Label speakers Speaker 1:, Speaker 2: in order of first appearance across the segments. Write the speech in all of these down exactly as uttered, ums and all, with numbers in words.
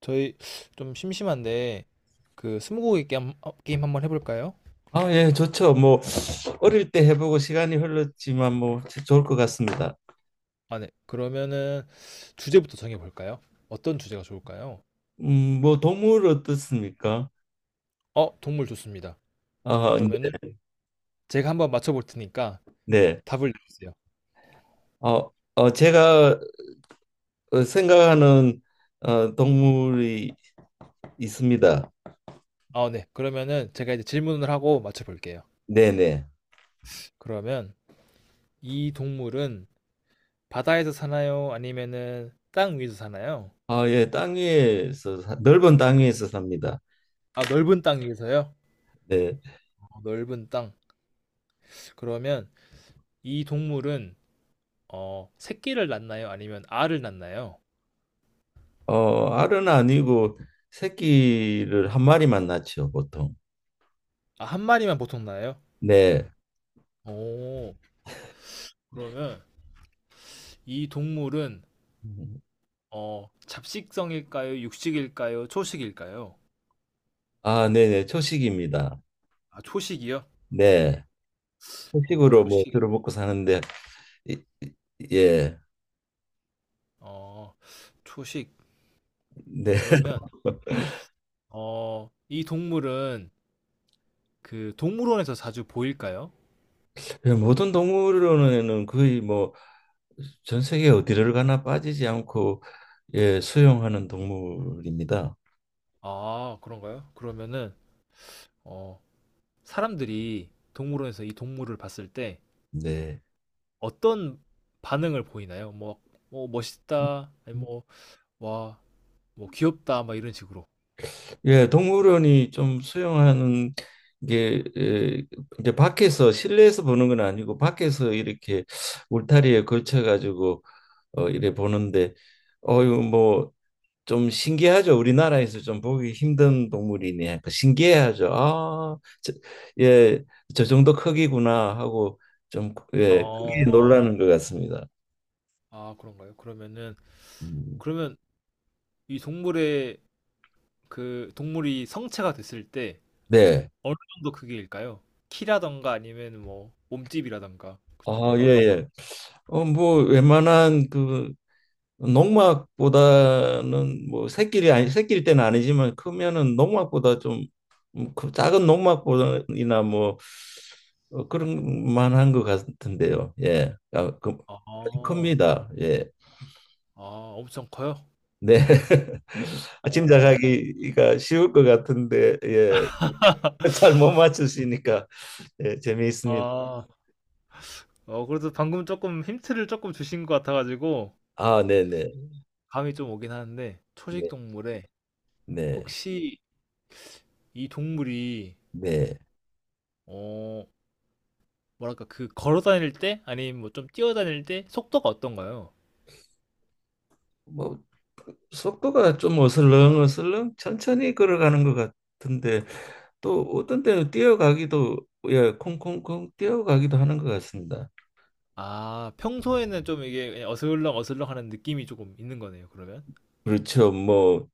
Speaker 1: 저희 좀 심심한데 그 스무고개 게임, 어, 게임 한번 해볼까요?
Speaker 2: 아, 예, 좋죠. 뭐 어릴 때 해보고 시간이 흘렀지만 뭐 좋을 것 같습니다.
Speaker 1: 아, 네. 그러면은 주제부터 정해볼까요? 어떤 주제가 좋을까요?
Speaker 2: 음, 뭐 동물 어떻습니까?
Speaker 1: 어, 동물 좋습니다.
Speaker 2: 아,
Speaker 1: 그러면은 제가 한번 맞춰볼 테니까
Speaker 2: 네.
Speaker 1: 답을 내주세요.
Speaker 2: 어, 어, 제가 어, 생각하는 어, 동물이 있습니다.
Speaker 1: 아, 네. 그러면은 제가 이제 질문을 하고 맞춰볼게요.
Speaker 2: 네, 네.
Speaker 1: 그러면 이 동물은 바다에서 사나요? 아니면은 땅 위에서 사나요?
Speaker 2: 아, 예, 땅 위에서 사- 넓은 땅 위에서 삽니다.
Speaker 1: 아, 넓은 땅 위에서요?
Speaker 2: 네.
Speaker 1: 어, 넓은 땅. 그러면 이 동물은 어, 새끼를 낳나요? 아니면 알을 낳나요?
Speaker 2: 어, 알은 아니고 새끼를 한 마리만 낳죠, 보통.
Speaker 1: 아, 한 마리만 보통 나요?
Speaker 2: 네.
Speaker 1: 오, 그러면 이 동물은
Speaker 2: 음,
Speaker 1: 어, 잡식성일까요? 육식일까요? 초식일까요?
Speaker 2: 아, 네, 네. 초식입니다.
Speaker 1: 아, 초식이요?
Speaker 2: 네.
Speaker 1: 어,
Speaker 2: 채식으로 뭐
Speaker 1: 초식.
Speaker 2: 주로 먹고 사는데 이- 이- 예,
Speaker 1: 어, 초식.
Speaker 2: 네.
Speaker 1: 그러면 어, 이 동물은 그 동물원에서 자주 보일까요?
Speaker 2: 예, 모든 동물원에는 거의 뭐 전 세계 어디를 가나 빠지지 않고 예, 수용하는 동물입니다.
Speaker 1: 아, 그런가요? 그러면은, 어, 사람들이 동물원에서 이 동물을 봤을 때
Speaker 2: 네.
Speaker 1: 어떤 반응을 보이나요? 뭐, 뭐 멋있다, 아니 뭐, 와, 뭐 귀엽다, 막 이런 식으로.
Speaker 2: 예, 동물원이 좀 수용하는 게 예, 이제 밖에서 실내에서 보는 건 아니고 밖에서 이렇게 울타리에 걸쳐 가지고 어 이래 보는데 어유 뭐 좀 신기하죠. 우리나라에서 좀 보기 힘든 동물이네. 그 신기해하죠. 아, 저, 예, 저 정도 크기구나 하고 좀 예, 크게
Speaker 1: 어,
Speaker 2: 놀라는 것 같습니다.
Speaker 1: 아, 그런가요? 그러면은,
Speaker 2: 음,
Speaker 1: 그러면 이 동물의 그 동물이 성체가 됐을 때
Speaker 2: 네.
Speaker 1: 어느 정도 크기일까요? 키라던가 아니면 뭐 몸집이라던가 그
Speaker 2: 아, 예,
Speaker 1: 정도가?
Speaker 2: 예. 어, 뭐 웬만한 그 농막보다는 뭐 새끼리 아니 새끼일 때는 아니지만 크면은 농막보다 좀그 작은 농막보다나 뭐 어, 그런 만한 것 같은데요. 예, 아, 그
Speaker 1: 아,
Speaker 2: 큽니다. 예,
Speaker 1: 아, 엄청 커요?
Speaker 2: 네. 아,
Speaker 1: 어,
Speaker 2: 짐작하기가 쉬울 것 같은데 예, 잘 못 맞추시니까 예, 재미있습니다.
Speaker 1: 아, 어, 그래도 방금 조금 힌트를 조금 주신 것 같아가지고
Speaker 2: 아, 네네.
Speaker 1: 감이 좀 오긴 하는데 초식
Speaker 2: 네,
Speaker 1: 동물에
Speaker 2: 네,
Speaker 1: 혹시 이 동물이
Speaker 2: 네.
Speaker 1: 어, 뭐랄까 그 걸어 다닐 때 아니면 뭐 좀 뛰어 다닐 때 속도가 어떤가요?
Speaker 2: 뭐 속도가 좀 어슬렁어슬렁 천천히 걸어가는 것 같은데 또 어떤 때는 뛰어가기도 예 콩콩콩 뛰어가기도 하는 것 같습니다.
Speaker 1: 아, 평소에는 좀 이게 어슬렁어슬렁하는 느낌이 조금 있는 거네요, 그러면?
Speaker 2: 그렇죠. 뭐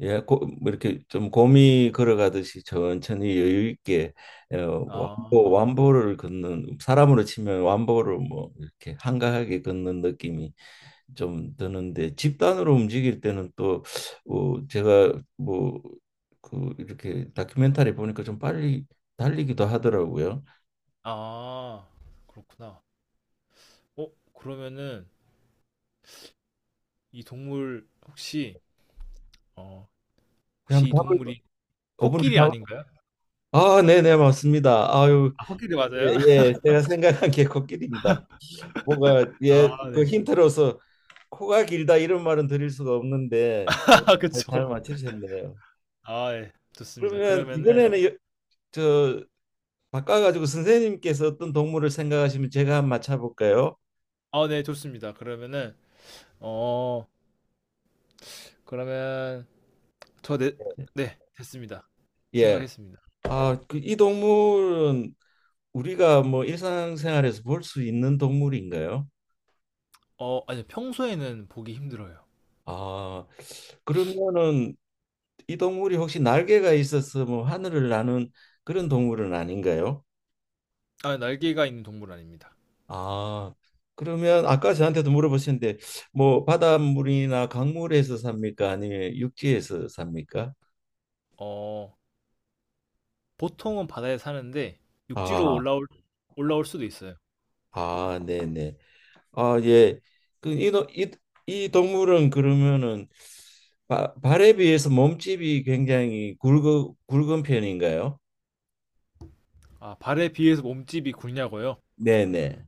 Speaker 2: 예, 고, 뭐 이렇게 좀 곰이 걸어가듯이 천천히 여유 있게 예, 완보
Speaker 1: 아.
Speaker 2: 완보를 걷는 사람으로 치면 완보를 뭐 이렇게 한가하게 걷는 느낌이 좀 드는데 집단으로 움직일 때는 또 어, 제가 뭐 그 이렇게 다큐멘터리 보니까 좀 빨리 달리기도 하더라고요.
Speaker 1: 아, 그렇구나. 어, 그러면은 이 동물 혹시 어
Speaker 2: 그냥
Speaker 1: 혹시 이
Speaker 2: 밥을
Speaker 1: 동물이
Speaker 2: 어분을
Speaker 1: 코끼리
Speaker 2: 다
Speaker 1: 아닌가요?
Speaker 2: 아, 네, 네, 맞습니다. 아유,
Speaker 1: 아, 코끼리 맞아요?
Speaker 2: 예, 예, 제가 생각한 게 코끼리입니다. 뭐가 예,
Speaker 1: 아
Speaker 2: 그
Speaker 1: 네.
Speaker 2: 힌트로서 코가 길다 이런 말은 드릴 수가 없는데 잘, 잘
Speaker 1: 그쵸.
Speaker 2: 맞히셨네요.
Speaker 1: 아 예. 좋습니다.
Speaker 2: 그러면
Speaker 1: 그러면은
Speaker 2: 이번에는 여- 저 바꿔가지고 선생님께서 어떤 동물을 생각하시면 제가 한번 맞춰볼까요?
Speaker 1: 아 네, 좋습니다. 그러면은 어 그러면 저네 네, 됐습니다.
Speaker 2: 예.
Speaker 1: 생각했습니다.
Speaker 2: 아, 그, 이 동물은 우리가 뭐 일상생활에서 볼 수 있는 동물인가요?
Speaker 1: 어, 아니 평소에는 보기 힘들어요.
Speaker 2: 아, 그러면은 이 동물이 혹시 날개가 있어서 뭐 하늘을 나는 그런 동물은 아닌가요?
Speaker 1: 아, 날개가 있는 동물 아닙니다.
Speaker 2: 아, 그러면 아까 저한테도 물어보셨는데 뭐 바닷물이나 강물에서 삽니까? 아니면 육지에서 삽니까?
Speaker 1: 어, 보통은 바다에 사는데 육지로
Speaker 2: 아,
Speaker 1: 올라올 올라올 수도 있어요.
Speaker 2: 아, 네네. 아, 예. 그 이, 노- 이, 이 동물은 그러면은 바, 발에 비해서 몸집이 굉장히 굵어, 굵은 편인가요?
Speaker 1: 아, 발에 비해서 몸집이 굵냐고요?
Speaker 2: 네네.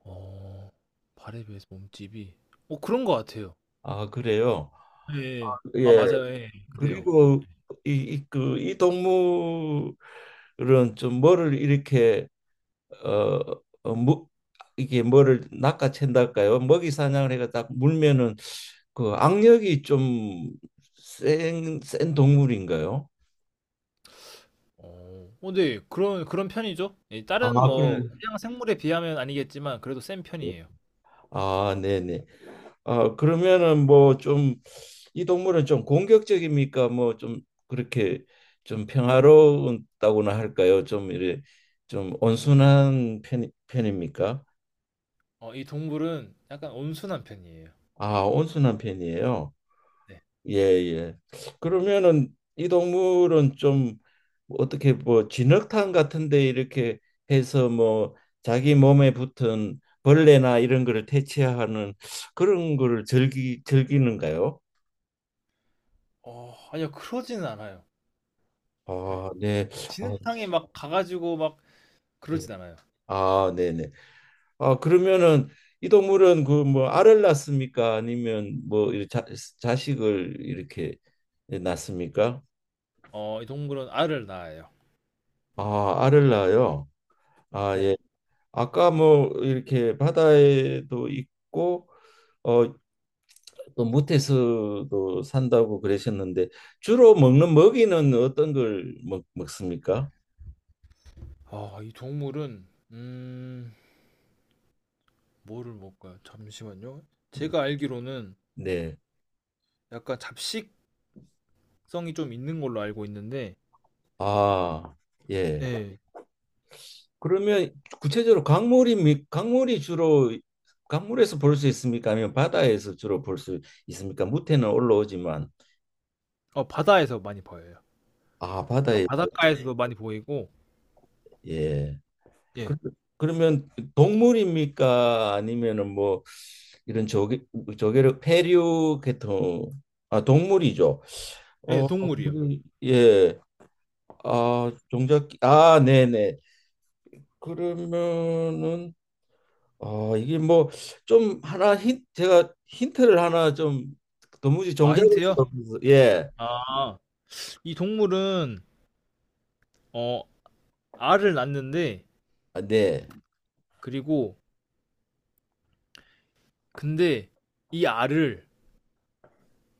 Speaker 1: 어, 발에 비해서 몸집이 어, 그런 것 같아요.
Speaker 2: 아, 그래요.
Speaker 1: 예, 예. 아,
Speaker 2: 예.
Speaker 1: 맞아요. 예, 예. 그래요.
Speaker 2: 그리고 이, 이, 그, 이 동물은 좀 뭐를 이렇게 어, 어 무, 이게 뭐를 낚아챈달까요? 먹이 사냥을 해가 딱 물면은 그 악력이 좀 센, 센 동물인가요?
Speaker 1: 어, 어, 데 그런 그런 편이죠. 예, 다른
Speaker 2: 아, 그래.
Speaker 1: 뭐 해양 생물에 비하면 아니겠지만 그래도 센 편이에요.
Speaker 2: 아, 네네. 아, 그러면은 뭐 좀 이 동물은 좀 공격적입니까? 뭐 좀 그렇게 좀 평화롭다고나 할까요? 좀 이래 좀 온순한 편, 편입니까?
Speaker 1: 어, 이 동물은 약간 온순한 편이에요.
Speaker 2: 아, 온순한 편이에요.
Speaker 1: 네.
Speaker 2: 예, 예. 그러면은 이 동물은 좀 어떻게 뭐 진흙탕 같은데 이렇게 해서 뭐 자기 몸에 붙은 벌레나 이런 거를 퇴치하는 그런 거를 즐기 즐기는가요?
Speaker 1: 어, 아니요, 그러지는 않아요. 네.
Speaker 2: 아, 네. 아,
Speaker 1: 진흙탕에 막 가가지고 막
Speaker 2: 예.
Speaker 1: 그러진 않아요.
Speaker 2: 아, 네네. 아, 그러면은 이 동물은 그 뭐 알을 낳습니까? 아니면 뭐 이렇게 자, 자식을 이렇게 낳습니까?
Speaker 1: 어, 이 동물은 알을 낳아요.
Speaker 2: 아, 알을 낳아요. 아,
Speaker 1: 네.
Speaker 2: 예. 아까 뭐 이렇게 바다에도 있고 어, 또 무태서도 산다고 그러셨는데 주로 먹는 먹이는 어떤 걸 먹, 먹습니까?
Speaker 1: 아, 이 동물은 음, 뭐를 먹을까요? 잠시만요.
Speaker 2: 네.
Speaker 1: 제가 알기로는
Speaker 2: 네.
Speaker 1: 약간 잡식성이 좀 있는 걸로 알고 있는데,
Speaker 2: 아, 예.
Speaker 1: 예,
Speaker 2: 그러면 구체적으로 강물이 미- 강물이 주로 강물에서 볼 수 있습니까? 아니면 바다에서 주로 볼 수 있습니까? 무태는 올라오지만
Speaker 1: 어, 바다에서 많이 보여요.
Speaker 2: 아
Speaker 1: 약간 네.
Speaker 2: 바다에서
Speaker 1: 바닷가에서도 많이 보이고,
Speaker 2: 예. 그,
Speaker 1: 예,
Speaker 2: 그러면 동물입니까? 아니면은 뭐 이런 조개 조개를 페류 계통 아 동물이죠.
Speaker 1: 예,
Speaker 2: 어
Speaker 1: 동물이요.
Speaker 2: 예. 아 종잡기 아 네네. 그러면은 어, 이게 뭐 좀 하나 힌 제가 힌트를 하나 좀 도무지
Speaker 1: 아,
Speaker 2: 정작을
Speaker 1: 힌트요?
Speaker 2: 수가 없어서 예.
Speaker 1: 아, 이 동물은 어, 알을 낳는데,
Speaker 2: 아, 네.
Speaker 1: 그리고 근데 이 알을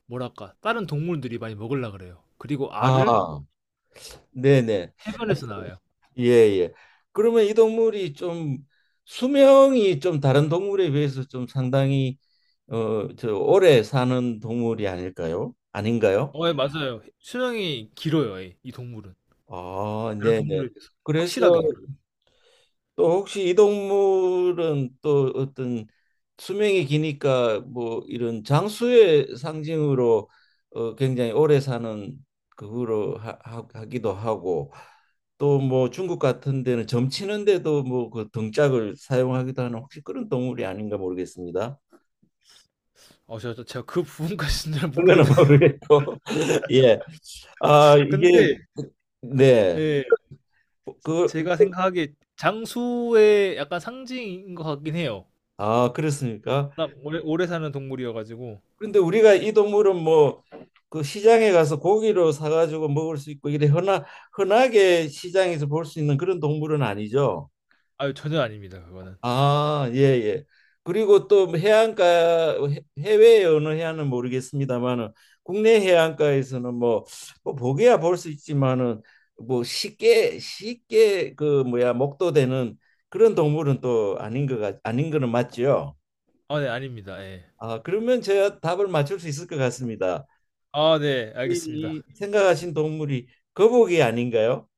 Speaker 1: 뭐랄까 다른 동물들이 많이 먹으려 그래요. 그리고 알을
Speaker 2: 아, 네네.
Speaker 1: 해변에서 나와요.
Speaker 2: 예, 예. 그러면 이 동물이 좀 수명이 좀 다른 동물에 비해서 좀 상당히 어, 저 오래 사는 동물이 아닐까요? 아닌가요?
Speaker 1: 어, 예, 맞아요. 수명이 길어요, 예, 이 동물은.
Speaker 2: 아,
Speaker 1: 나라
Speaker 2: 네네.
Speaker 1: 동물에 대해서
Speaker 2: 그래서
Speaker 1: 확실하게 기억나요.
Speaker 2: 또 혹시 이 동물은 또 어떤 수명이 기니까 뭐 이런 장수의 상징으로 어 굉장히 오래 사는 그거로 하, 하- 하기도 하고 또 뭐 중국 같은 데는 점치는데도 뭐 그 등짝을 사용하기도 하는 혹시 그런 동물이 아닌가 모르겠습니다.
Speaker 1: 어 저 저 제가 그 부분까지는 잘 모르겠는데
Speaker 2: 그거는 모르겠고 예. 아 이게
Speaker 1: 근데
Speaker 2: 그, 네.
Speaker 1: 예,
Speaker 2: 그
Speaker 1: 제가 생각하기에 장수의 약간 상징인 것 같긴 해요.
Speaker 2: 아 그렇습니까?
Speaker 1: 워낙 오래 오래 사는 동물이어 가지고.
Speaker 2: 그런데 우리가 이 동물은 뭐 그 시장에 가서 고기로 사가지고 먹을 수 있고 이래 흔하, 흔하게 시장에서 볼 수 있는 그런 동물은 아니죠.
Speaker 1: 아유, 전혀 아닙니다 그거는.
Speaker 2: 아, 예, 예. 그리고 또 해안가 해- 해외의 어느 해안은 모르겠습니다만은 국내 해안가에서는 뭐, 뭐 보게야 볼 수 있지만은 뭐 쉽게 쉽게 그 뭐야 목도되는 그런 동물은 또 아닌 것 같, 아닌 거는 맞죠.
Speaker 1: 아 네, 아닙니다. 예.
Speaker 2: 아, 그러면 제가 답을 맞출 수 있을 것 같습니다.
Speaker 1: 아 네, 알겠습니다.
Speaker 2: 이 생각하신 동물이 거북이 아닌가요?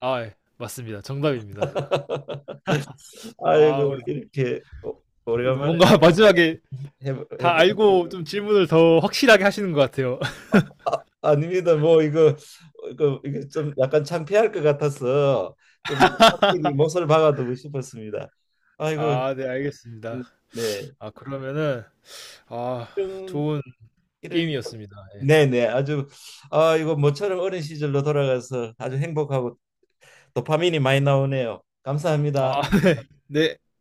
Speaker 1: 아 예. 맞습니다. 정답입니다.
Speaker 2: 아이고
Speaker 1: 아 그래도,
Speaker 2: 이렇게 오-
Speaker 1: 그래도
Speaker 2: 오래간만에
Speaker 1: 뭔가 마지막에
Speaker 2: 해보,
Speaker 1: 다
Speaker 2: 해보.
Speaker 1: 알고 좀 질문을 더 확실하게 하시는 것 같아요.
Speaker 2: 아, 아닙니다. 뭐 이거 이거 이게 좀 약간 창피할 것 같아서 좀 확실히 몫을 박아두고 싶었습니다. 아이고
Speaker 1: 아 네, 알겠습니다.
Speaker 2: 음, 네
Speaker 1: 아, 그러면은 아,
Speaker 2: 이런
Speaker 1: 좋은
Speaker 2: 이런
Speaker 1: 게임이었습니다. 예.
Speaker 2: 네네 아주 아 이거 모처럼 어린 시절로 돌아가서 아주 행복하고 도파민이 많이 나오네요. 감사합니다.
Speaker 1: 아 네. 네.